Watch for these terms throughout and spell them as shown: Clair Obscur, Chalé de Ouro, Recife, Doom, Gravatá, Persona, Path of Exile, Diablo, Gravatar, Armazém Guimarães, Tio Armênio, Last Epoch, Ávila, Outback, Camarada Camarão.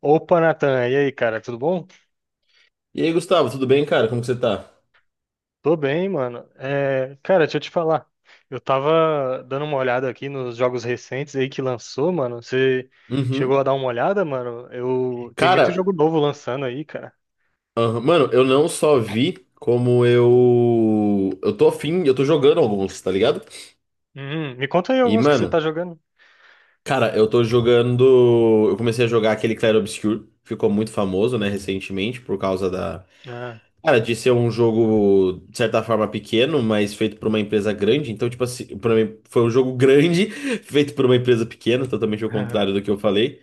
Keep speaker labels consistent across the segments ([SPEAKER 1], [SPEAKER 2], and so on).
[SPEAKER 1] Opa, Natan, e aí, cara, tudo bom?
[SPEAKER 2] E aí, Gustavo, tudo bem, cara? Como que você tá?
[SPEAKER 1] Tô bem, mano. É, cara, deixa eu te falar. Eu tava dando uma olhada aqui nos jogos recentes aí que lançou, mano. Você chegou a
[SPEAKER 2] Uhum.
[SPEAKER 1] dar uma olhada, mano? Eu tem muito jogo
[SPEAKER 2] Cara,
[SPEAKER 1] novo lançando aí, cara.
[SPEAKER 2] aham, mano, eu não só vi como eu. eu tô afim, eu tô jogando alguns, tá ligado?
[SPEAKER 1] Me conta aí
[SPEAKER 2] E,
[SPEAKER 1] alguns que você
[SPEAKER 2] mano,
[SPEAKER 1] tá jogando.
[SPEAKER 2] cara, eu tô jogando. Eu comecei a jogar aquele Clair Obscur, ficou muito famoso, né, recentemente, por causa da.
[SPEAKER 1] Ah,
[SPEAKER 2] Cara, de ser um jogo, de certa forma, pequeno, mas feito por uma empresa grande. Então, tipo assim, pra mim foi um jogo grande, feito por uma empresa pequena, totalmente ao contrário do que eu falei.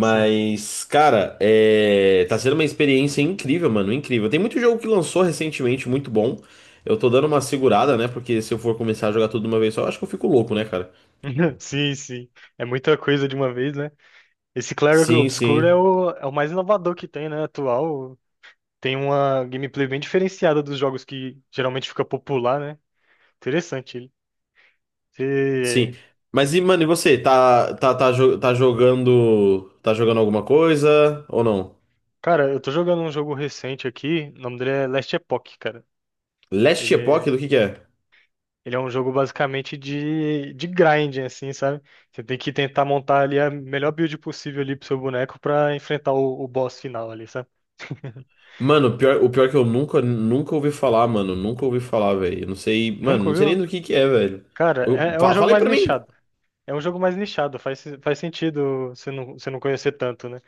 [SPEAKER 1] sim.
[SPEAKER 2] cara, tá sendo uma experiência incrível, mano, incrível. Tem muito jogo que lançou recentemente, muito bom. Eu tô dando uma segurada, né? Porque se eu for começar a jogar tudo de uma vez só, eu acho que eu fico louco, né, cara?
[SPEAKER 1] Sim, sim. É muita coisa de uma vez, né? Esse Clair
[SPEAKER 2] Sim,
[SPEAKER 1] Obscur é
[SPEAKER 2] sim,
[SPEAKER 1] o, é o mais inovador que tem, né? Atual. Tem uma gameplay bem diferenciada dos jogos que geralmente fica popular, né? Interessante.
[SPEAKER 2] sim.
[SPEAKER 1] Você...
[SPEAKER 2] Mas e, mano, e você? Tá jogando. Tá jogando alguma coisa ou não?
[SPEAKER 1] Cara, eu tô jogando um jogo recente aqui, o nome dele é Last Epoch, cara.
[SPEAKER 2] Last
[SPEAKER 1] Ele
[SPEAKER 2] Epoch,
[SPEAKER 1] é,
[SPEAKER 2] do que é?
[SPEAKER 1] ele é um jogo basicamente de grinding, assim, sabe? Você tem que tentar montar ali a melhor build possível ali pro seu boneco pra enfrentar o boss final ali, sabe?
[SPEAKER 2] Mano, o pior é que eu nunca ouvi falar, mano. Nunca ouvi falar, velho. Eu não sei, mano,
[SPEAKER 1] Nunca
[SPEAKER 2] não sei nem
[SPEAKER 1] viu?
[SPEAKER 2] do que é, velho.
[SPEAKER 1] Cara, é um jogo
[SPEAKER 2] Fala aí
[SPEAKER 1] mais
[SPEAKER 2] pra mim.
[SPEAKER 1] nichado. É um jogo mais nichado, faz sentido você não conhecer tanto, né?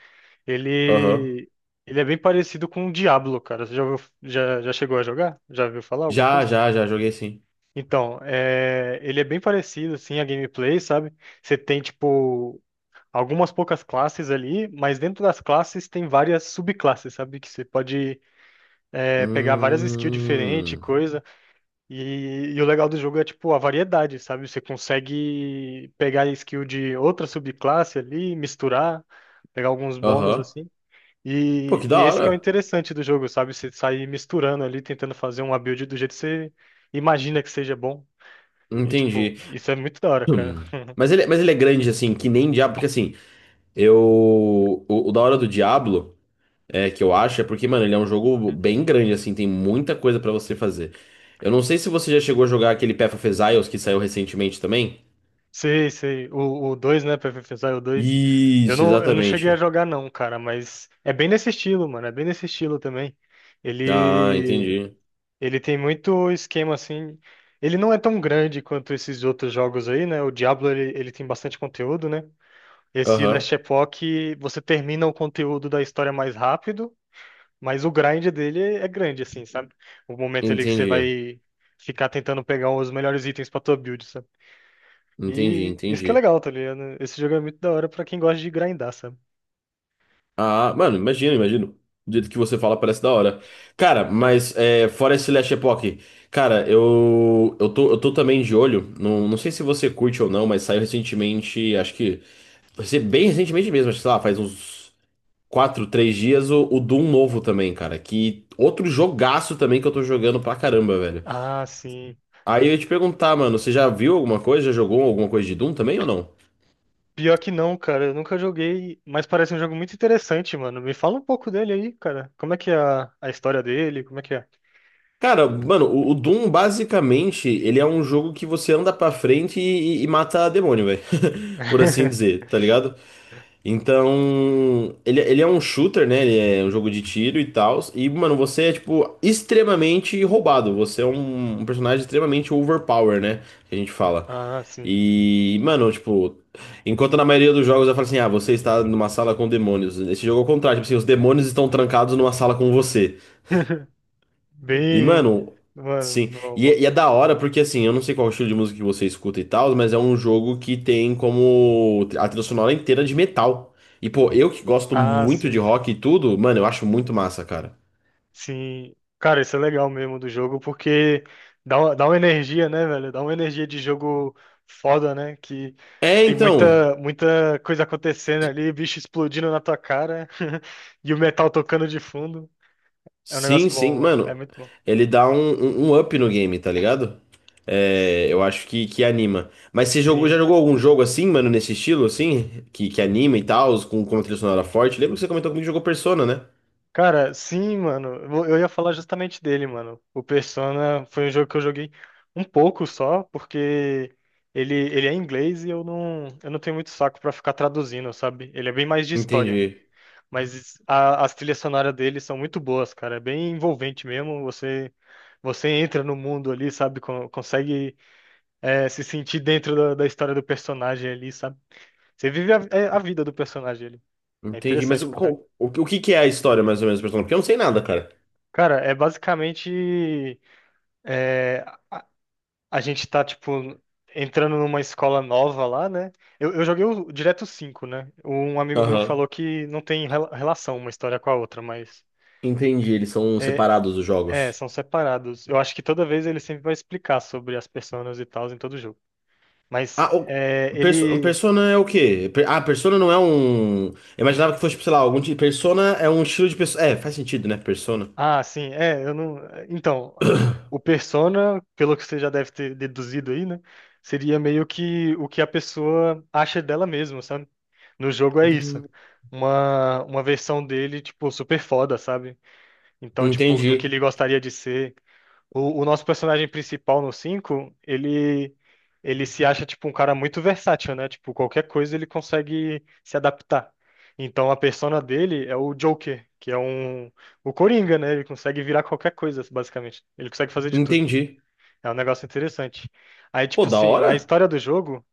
[SPEAKER 2] Aham.
[SPEAKER 1] Ele, ele é bem parecido com o Diablo, cara. Você já, ouviu- já chegou a jogar? Já viu falar alguma
[SPEAKER 2] Já,
[SPEAKER 1] coisa?
[SPEAKER 2] já, já, joguei sim.
[SPEAKER 1] Então, é, ele é bem parecido, assim, a gameplay, sabe? Você tem, tipo, algumas poucas classes ali, mas dentro das classes tem várias subclasses, sabe? Que você pode, é, pegar várias skills diferentes, e
[SPEAKER 2] Hum.
[SPEAKER 1] coisa. E o legal do jogo é, tipo, a variedade, sabe? Você consegue pegar a skill de outra subclasse ali, misturar, pegar alguns bônus,
[SPEAKER 2] Aham.
[SPEAKER 1] assim.
[SPEAKER 2] Pô, que
[SPEAKER 1] E
[SPEAKER 2] da
[SPEAKER 1] esse que é o
[SPEAKER 2] hora.
[SPEAKER 1] interessante do jogo, sabe? Você sair misturando ali, tentando fazer uma build do jeito que você imagina que seja bom. E, tipo,
[SPEAKER 2] Entendi.
[SPEAKER 1] isso é muito da hora, cara.
[SPEAKER 2] Hum. Mas ele é grande, assim, que nem Diablo, porque assim, eu. O da hora do Diablo. É, que eu acho, é porque, mano, ele é um jogo bem grande, assim, tem muita coisa pra você fazer. Eu não sei se você já chegou a jogar aquele Path of Exiles que saiu recentemente também.
[SPEAKER 1] Sei, sei. O dois, né? Pra pensar, o dois.
[SPEAKER 2] Isso,
[SPEAKER 1] Eu não cheguei a
[SPEAKER 2] exatamente.
[SPEAKER 1] jogar, não, cara, mas é bem nesse estilo, mano. É bem nesse estilo também.
[SPEAKER 2] Ah,
[SPEAKER 1] Ele,
[SPEAKER 2] entendi.
[SPEAKER 1] ele tem muito esquema assim. Ele não é tão grande quanto esses outros jogos aí, né? O Diablo, ele tem bastante conteúdo, né? Esse
[SPEAKER 2] Aham,
[SPEAKER 1] Last Epoch, você termina o conteúdo da história mais rápido. Mas o grind dele é grande, assim, sabe? O momento ali que você
[SPEAKER 2] entendi.
[SPEAKER 1] vai ficar tentando pegar os melhores itens pra tua build, sabe?
[SPEAKER 2] Entendi,
[SPEAKER 1] E isso que é
[SPEAKER 2] entendi.
[SPEAKER 1] legal, tá ligado? Esse jogo é muito da hora pra quem gosta de grindar, sabe?
[SPEAKER 2] Ah, mano, imagino, imagino. Do jeito que você fala, parece da hora. Cara,
[SPEAKER 1] É.
[SPEAKER 2] mas é, fora esse Last Epoch, cara, eu tô também de olho. Não, não sei se você curte ou não, mas saiu recentemente, acho que. Vai ser bem recentemente mesmo, acho que, sei lá, faz uns. Quatro, três dias, o Doom novo também, cara. Que outro jogaço também que eu tô jogando pra caramba, velho.
[SPEAKER 1] Ah, sim.
[SPEAKER 2] Aí eu ia te perguntar, mano, você já viu alguma coisa? Já jogou alguma coisa de Doom também ou não?
[SPEAKER 1] Pior que não, cara. Eu nunca joguei, mas parece um jogo muito interessante, mano. Me fala um pouco dele aí, cara. Como é que é a história dele? Como é que é?
[SPEAKER 2] Cara, mano, o Doom basicamente ele é um jogo que você anda pra frente e mata demônio, velho. Por assim dizer, tá ligado? Então, ele é um shooter, né? Ele é um jogo de tiro e tal. E, mano, você é, tipo, extremamente roubado. Você é um personagem extremamente overpower, né? Que a gente fala.
[SPEAKER 1] Ah, sim.
[SPEAKER 2] E, mano, tipo, enquanto na maioria dos jogos eu falo assim, ah, você está numa sala com demônios. Nesse jogo é o contrário, tipo assim, os demônios estão trancados numa sala com você. E,
[SPEAKER 1] Bem.
[SPEAKER 2] mano,
[SPEAKER 1] Mano,
[SPEAKER 2] sim.
[SPEAKER 1] bom,
[SPEAKER 2] E,
[SPEAKER 1] bom.
[SPEAKER 2] é da hora porque, assim, eu não sei qual é o estilo de música que você escuta e tal, mas é um jogo que tem como a trilha sonora inteira de metal. E, pô, eu que gosto
[SPEAKER 1] Ah,
[SPEAKER 2] muito de
[SPEAKER 1] sei.
[SPEAKER 2] rock e tudo, mano, eu acho muito massa, cara.
[SPEAKER 1] Sim, cara, isso é legal mesmo do jogo, porque dá uma energia, né, velho? Dá uma energia de jogo foda, né? Que
[SPEAKER 2] É,
[SPEAKER 1] tem
[SPEAKER 2] então.
[SPEAKER 1] muita, muita coisa acontecendo ali, bicho explodindo na tua cara e o metal tocando de fundo. É um
[SPEAKER 2] Sim,
[SPEAKER 1] negócio
[SPEAKER 2] sim,
[SPEAKER 1] bom, mano. É
[SPEAKER 2] mano.
[SPEAKER 1] muito bom.
[SPEAKER 2] Ele dá um up no game, tá ligado? É, eu acho que anima. Mas você jogou,
[SPEAKER 1] Sim.
[SPEAKER 2] já jogou algum jogo assim, mano, nesse estilo, assim? Que anima e tal, com uma trilha sonora forte? Lembro que você comentou comigo que jogou Persona, né?
[SPEAKER 1] Cara, sim, mano. Eu vou- eu ia falar justamente dele, mano. O Persona foi um jogo que eu joguei um pouco só, porque ele é em inglês e eu não tenho muito saco pra ficar traduzindo, sabe? Ele é bem mais de história.
[SPEAKER 2] Entendi.
[SPEAKER 1] Mas a- as trilhas sonoras dele são muito boas, cara. É bem envolvente mesmo. Você entra no mundo ali, sabe? Con- Consegue é, se sentir dentro da história do personagem ali, sabe? Você vive a, é, a vida do personagem ali. É
[SPEAKER 2] Entendi. Mas
[SPEAKER 1] interessante
[SPEAKER 2] o,
[SPEAKER 1] pra caralho.
[SPEAKER 2] o, o que que é a história, mais ou menos, do Persona? Porque eu não sei nada, cara.
[SPEAKER 1] Cara, é basicamente a gente tá, tipo, entrando numa escola nova lá, né? Eu joguei o, direto 5, né? Um amigo meu
[SPEAKER 2] Aham.
[SPEAKER 1] falou que não tem rela- relação uma história com a outra, mas.
[SPEAKER 2] Entendi, eles são separados os
[SPEAKER 1] É,
[SPEAKER 2] jogos.
[SPEAKER 1] são separados. Eu acho que toda vez ele sempre vai explicar sobre as personas e tal em todo jogo. Mas
[SPEAKER 2] Ah, o,
[SPEAKER 1] é, ele.
[SPEAKER 2] Persona é o quê? Ah, Persona não é um. Eu imaginava que fosse, tipo, sei lá, algum tipo. Persona é um estilo de pessoa. É, faz sentido, né? Persona.
[SPEAKER 1] Ah, sim, é, eu não. Então, o persona, pelo que você já deve ter deduzido aí, né? Seria meio que o que a pessoa acha dela mesma, sabe? No jogo é isso.
[SPEAKER 2] Hum,
[SPEAKER 1] Uma versão dele, tipo, super foda, sabe? Então, tipo, do que
[SPEAKER 2] Entendi,
[SPEAKER 1] ele gostaria de ser. O nosso personagem principal no 5 ele, ele se acha tipo um cara muito versátil, né? Tipo, qualquer coisa ele consegue se adaptar. Então a persona dele é o Joker, que é um o Coringa, né? Ele consegue virar qualquer coisa, basicamente. Ele consegue fazer de tudo.
[SPEAKER 2] entendi.
[SPEAKER 1] É um negócio interessante. Aí,
[SPEAKER 2] Pô,
[SPEAKER 1] tipo
[SPEAKER 2] da
[SPEAKER 1] assim, na
[SPEAKER 2] hora.
[SPEAKER 1] história do jogo,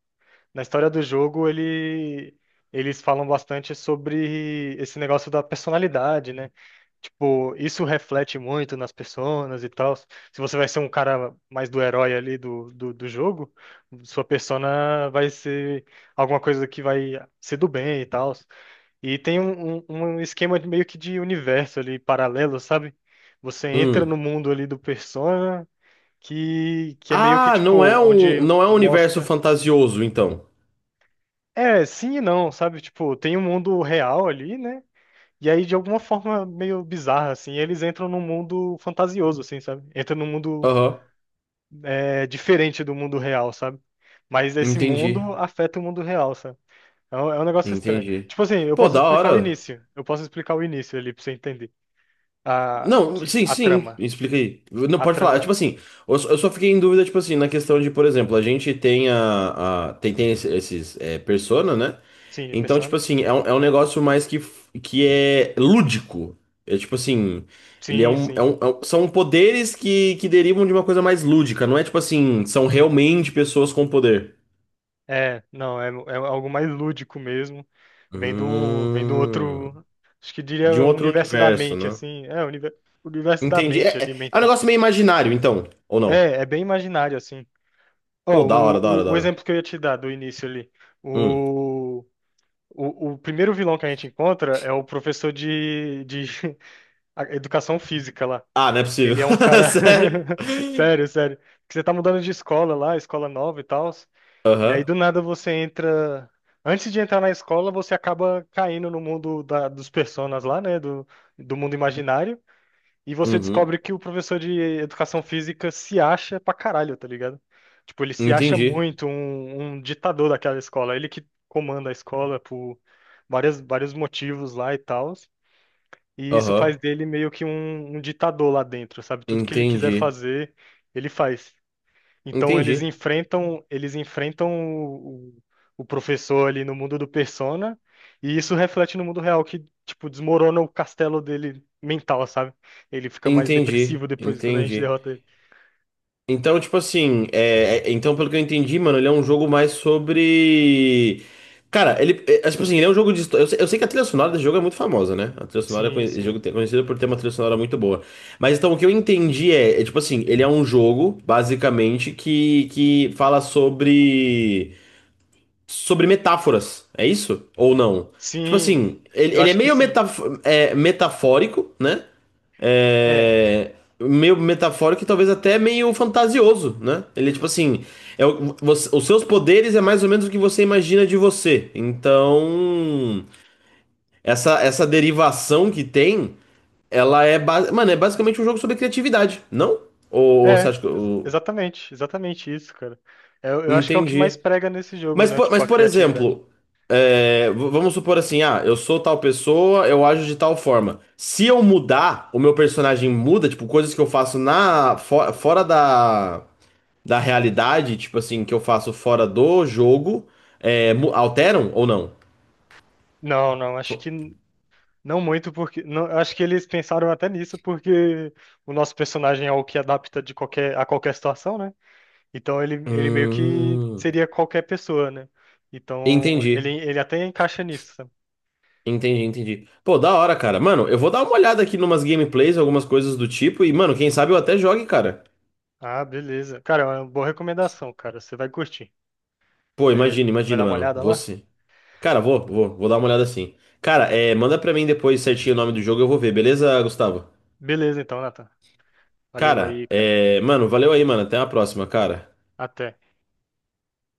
[SPEAKER 1] na história do jogo ele eles falam bastante sobre esse negócio da personalidade, né? Tipo, isso reflete muito nas personas e tal. Se você vai ser um cara mais do herói ali do, do jogo, sua persona vai ser alguma coisa que vai ser do bem e tal. E tem um, um, um esquema de meio que de universo ali paralelo, sabe? Você entra
[SPEAKER 2] Hum.
[SPEAKER 1] no mundo ali do persona, que é meio que
[SPEAKER 2] Ah,
[SPEAKER 1] tipo,
[SPEAKER 2] não é um,
[SPEAKER 1] onde
[SPEAKER 2] não é um universo
[SPEAKER 1] mostra.
[SPEAKER 2] fantasioso, então.
[SPEAKER 1] É, sim e não, sabe? Tipo, tem um mundo real ali, né? E aí, de alguma forma meio bizarra, assim, eles entram num mundo fantasioso, assim, sabe? Entram num mundo
[SPEAKER 2] Aham,
[SPEAKER 1] é, diferente do mundo real, sabe? Mas esse
[SPEAKER 2] entendi,
[SPEAKER 1] mundo afeta o mundo real, sabe? É um negócio estranho.
[SPEAKER 2] entendi.
[SPEAKER 1] Tipo assim, eu
[SPEAKER 2] Pô,
[SPEAKER 1] posso
[SPEAKER 2] da
[SPEAKER 1] explicar o
[SPEAKER 2] hora.
[SPEAKER 1] início. Eu posso explicar o início ali pra você entender. A,
[SPEAKER 2] Não,
[SPEAKER 1] que,
[SPEAKER 2] sim,
[SPEAKER 1] a
[SPEAKER 2] sim,
[SPEAKER 1] trama.
[SPEAKER 2] explica aí. Não,
[SPEAKER 1] A
[SPEAKER 2] pode falar. É,
[SPEAKER 1] trama.
[SPEAKER 2] tipo assim, eu só fiquei em dúvida, tipo assim, na questão de, por exemplo, a gente tem tem, tem esses, é, persona, né?
[SPEAKER 1] Sim,
[SPEAKER 2] Então, tipo
[SPEAKER 1] Persona?
[SPEAKER 2] assim, é um negócio mais que, que é lúdico. É tipo assim, ele é
[SPEAKER 1] Sim,
[SPEAKER 2] um,
[SPEAKER 1] sim.
[SPEAKER 2] são poderes que derivam de uma coisa mais lúdica, não é tipo assim, são realmente pessoas com poder.
[SPEAKER 1] É, não, é, é algo mais lúdico mesmo. Vem do
[SPEAKER 2] Hum,
[SPEAKER 1] outro. Acho que diria
[SPEAKER 2] de um
[SPEAKER 1] o
[SPEAKER 2] outro
[SPEAKER 1] universo da
[SPEAKER 2] universo,
[SPEAKER 1] mente,
[SPEAKER 2] né?
[SPEAKER 1] assim. É, o univer- o universo da
[SPEAKER 2] Entendi. É,
[SPEAKER 1] mente ali,
[SPEAKER 2] é, é um
[SPEAKER 1] mental.
[SPEAKER 2] negócio meio imaginário, então, ou não?
[SPEAKER 1] É, é bem imaginário, assim. Ó,
[SPEAKER 2] Pô, da
[SPEAKER 1] o,
[SPEAKER 2] hora, da hora, da
[SPEAKER 1] o
[SPEAKER 2] hora.
[SPEAKER 1] exemplo que eu ia te dar do início ali.
[SPEAKER 2] Hum.
[SPEAKER 1] O, o primeiro vilão que a gente encontra é o professor de a- educação física lá.
[SPEAKER 2] Ah, não é possível.
[SPEAKER 1] Ele é um cara.
[SPEAKER 2] Sério?
[SPEAKER 1] Sério, sério. Que você tá mudando de escola lá, escola nova e tal. E aí
[SPEAKER 2] Aham.
[SPEAKER 1] do nada você entra. Antes de entrar na escola, você acaba caindo no mundo da- dos personas lá, né? Do, do mundo imaginário. E você
[SPEAKER 2] Uhum.
[SPEAKER 1] descobre que o professor de educação física se acha pra caralho, tá ligado? Tipo, ele se acha
[SPEAKER 2] Entendi.
[SPEAKER 1] muito um, um ditador daquela escola. Ele que comanda a escola por várias, vários motivos lá e tal. E isso faz
[SPEAKER 2] Aham.
[SPEAKER 1] dele meio que um ditador lá dentro, sabe? Tudo que ele quiser
[SPEAKER 2] Entendi.
[SPEAKER 1] fazer, ele faz. Então
[SPEAKER 2] Entendi.
[SPEAKER 1] eles enfrentam o, o- o professor ali no mundo do Persona, e isso reflete no mundo real que tipo desmorona o castelo dele mental, sabe? Ele fica mais
[SPEAKER 2] Entendi.
[SPEAKER 1] depressivo depois quando a gente
[SPEAKER 2] Entendi.
[SPEAKER 1] derrota ele.
[SPEAKER 2] Então, tipo assim, então, pelo que eu entendi, mano, ele é um jogo mais sobre. Cara, ele. É, é, tipo assim, ele é um jogo de história. Eu sei que a trilha sonora desse jogo é muito famosa, né? A trilha sonora é
[SPEAKER 1] Sim,
[SPEAKER 2] esse
[SPEAKER 1] sim.
[SPEAKER 2] jogo é conhecido por ter uma trilha sonora muito boa. Mas então o que eu entendi é, é tipo assim, ele é um jogo, basicamente, que fala sobre. Sobre metáforas, é isso? Ou não? Tipo
[SPEAKER 1] Sim,
[SPEAKER 2] assim, ele,
[SPEAKER 1] eu
[SPEAKER 2] ele é
[SPEAKER 1] acho que
[SPEAKER 2] meio
[SPEAKER 1] sim.
[SPEAKER 2] metaf é, metafórico, né?
[SPEAKER 1] É.
[SPEAKER 2] É, meio metafórico e talvez até meio fantasioso, né? Ele, tipo assim, é, os seus poderes é mais ou menos o que você imagina de você. Então, essa derivação que tem, ela é, mano, é basicamente um jogo sobre criatividade, não? Ou, você
[SPEAKER 1] É,
[SPEAKER 2] acha que
[SPEAKER 1] ex-
[SPEAKER 2] eu
[SPEAKER 1] exatamente, exatamente isso, cara. Eu acho que é o que mais
[SPEAKER 2] entendi?
[SPEAKER 1] prega nesse jogo,
[SPEAKER 2] Mas,
[SPEAKER 1] né? Tipo,
[SPEAKER 2] mas
[SPEAKER 1] a
[SPEAKER 2] por
[SPEAKER 1] criatividade.
[SPEAKER 2] exemplo, é, vamos supor assim, ah, eu sou tal pessoa, eu ajo de tal forma. Se eu mudar, o meu personagem muda, tipo, coisas que eu faço na fora da, da realidade, tipo assim, que eu faço fora do jogo, é, alteram ou não?
[SPEAKER 1] Não, não, acho que
[SPEAKER 2] Fo-
[SPEAKER 1] não muito, porque. Não, eu acho que eles pensaram até nisso, porque o nosso personagem é o que adapta de qualquer, a qualquer situação, né? Então ele meio que
[SPEAKER 2] Hum,
[SPEAKER 1] seria qualquer pessoa, né? Então
[SPEAKER 2] entendi.
[SPEAKER 1] ele até encaixa nisso. Sabe?
[SPEAKER 2] Entendi, entendi. Pô, da hora, cara. Mano, eu vou dar uma olhada aqui numas gameplays, algumas coisas do tipo, e, mano, quem sabe eu até jogue, cara.
[SPEAKER 1] Ah, beleza. Cara, é uma boa recomendação, cara. Você vai curtir.
[SPEAKER 2] Pô,
[SPEAKER 1] Você
[SPEAKER 2] imagina,
[SPEAKER 1] vai dar
[SPEAKER 2] imagina,
[SPEAKER 1] uma
[SPEAKER 2] mano.
[SPEAKER 1] olhada lá?
[SPEAKER 2] Você. Cara, vou dar uma olhada assim. Cara, é, manda pra mim depois certinho o nome do jogo, eu vou ver, beleza, Gustavo?
[SPEAKER 1] Beleza, então, Nathan. Valeu
[SPEAKER 2] Cara,
[SPEAKER 1] aí, cara.
[SPEAKER 2] é, mano, valeu aí, mano. Até a próxima, cara.
[SPEAKER 1] Até.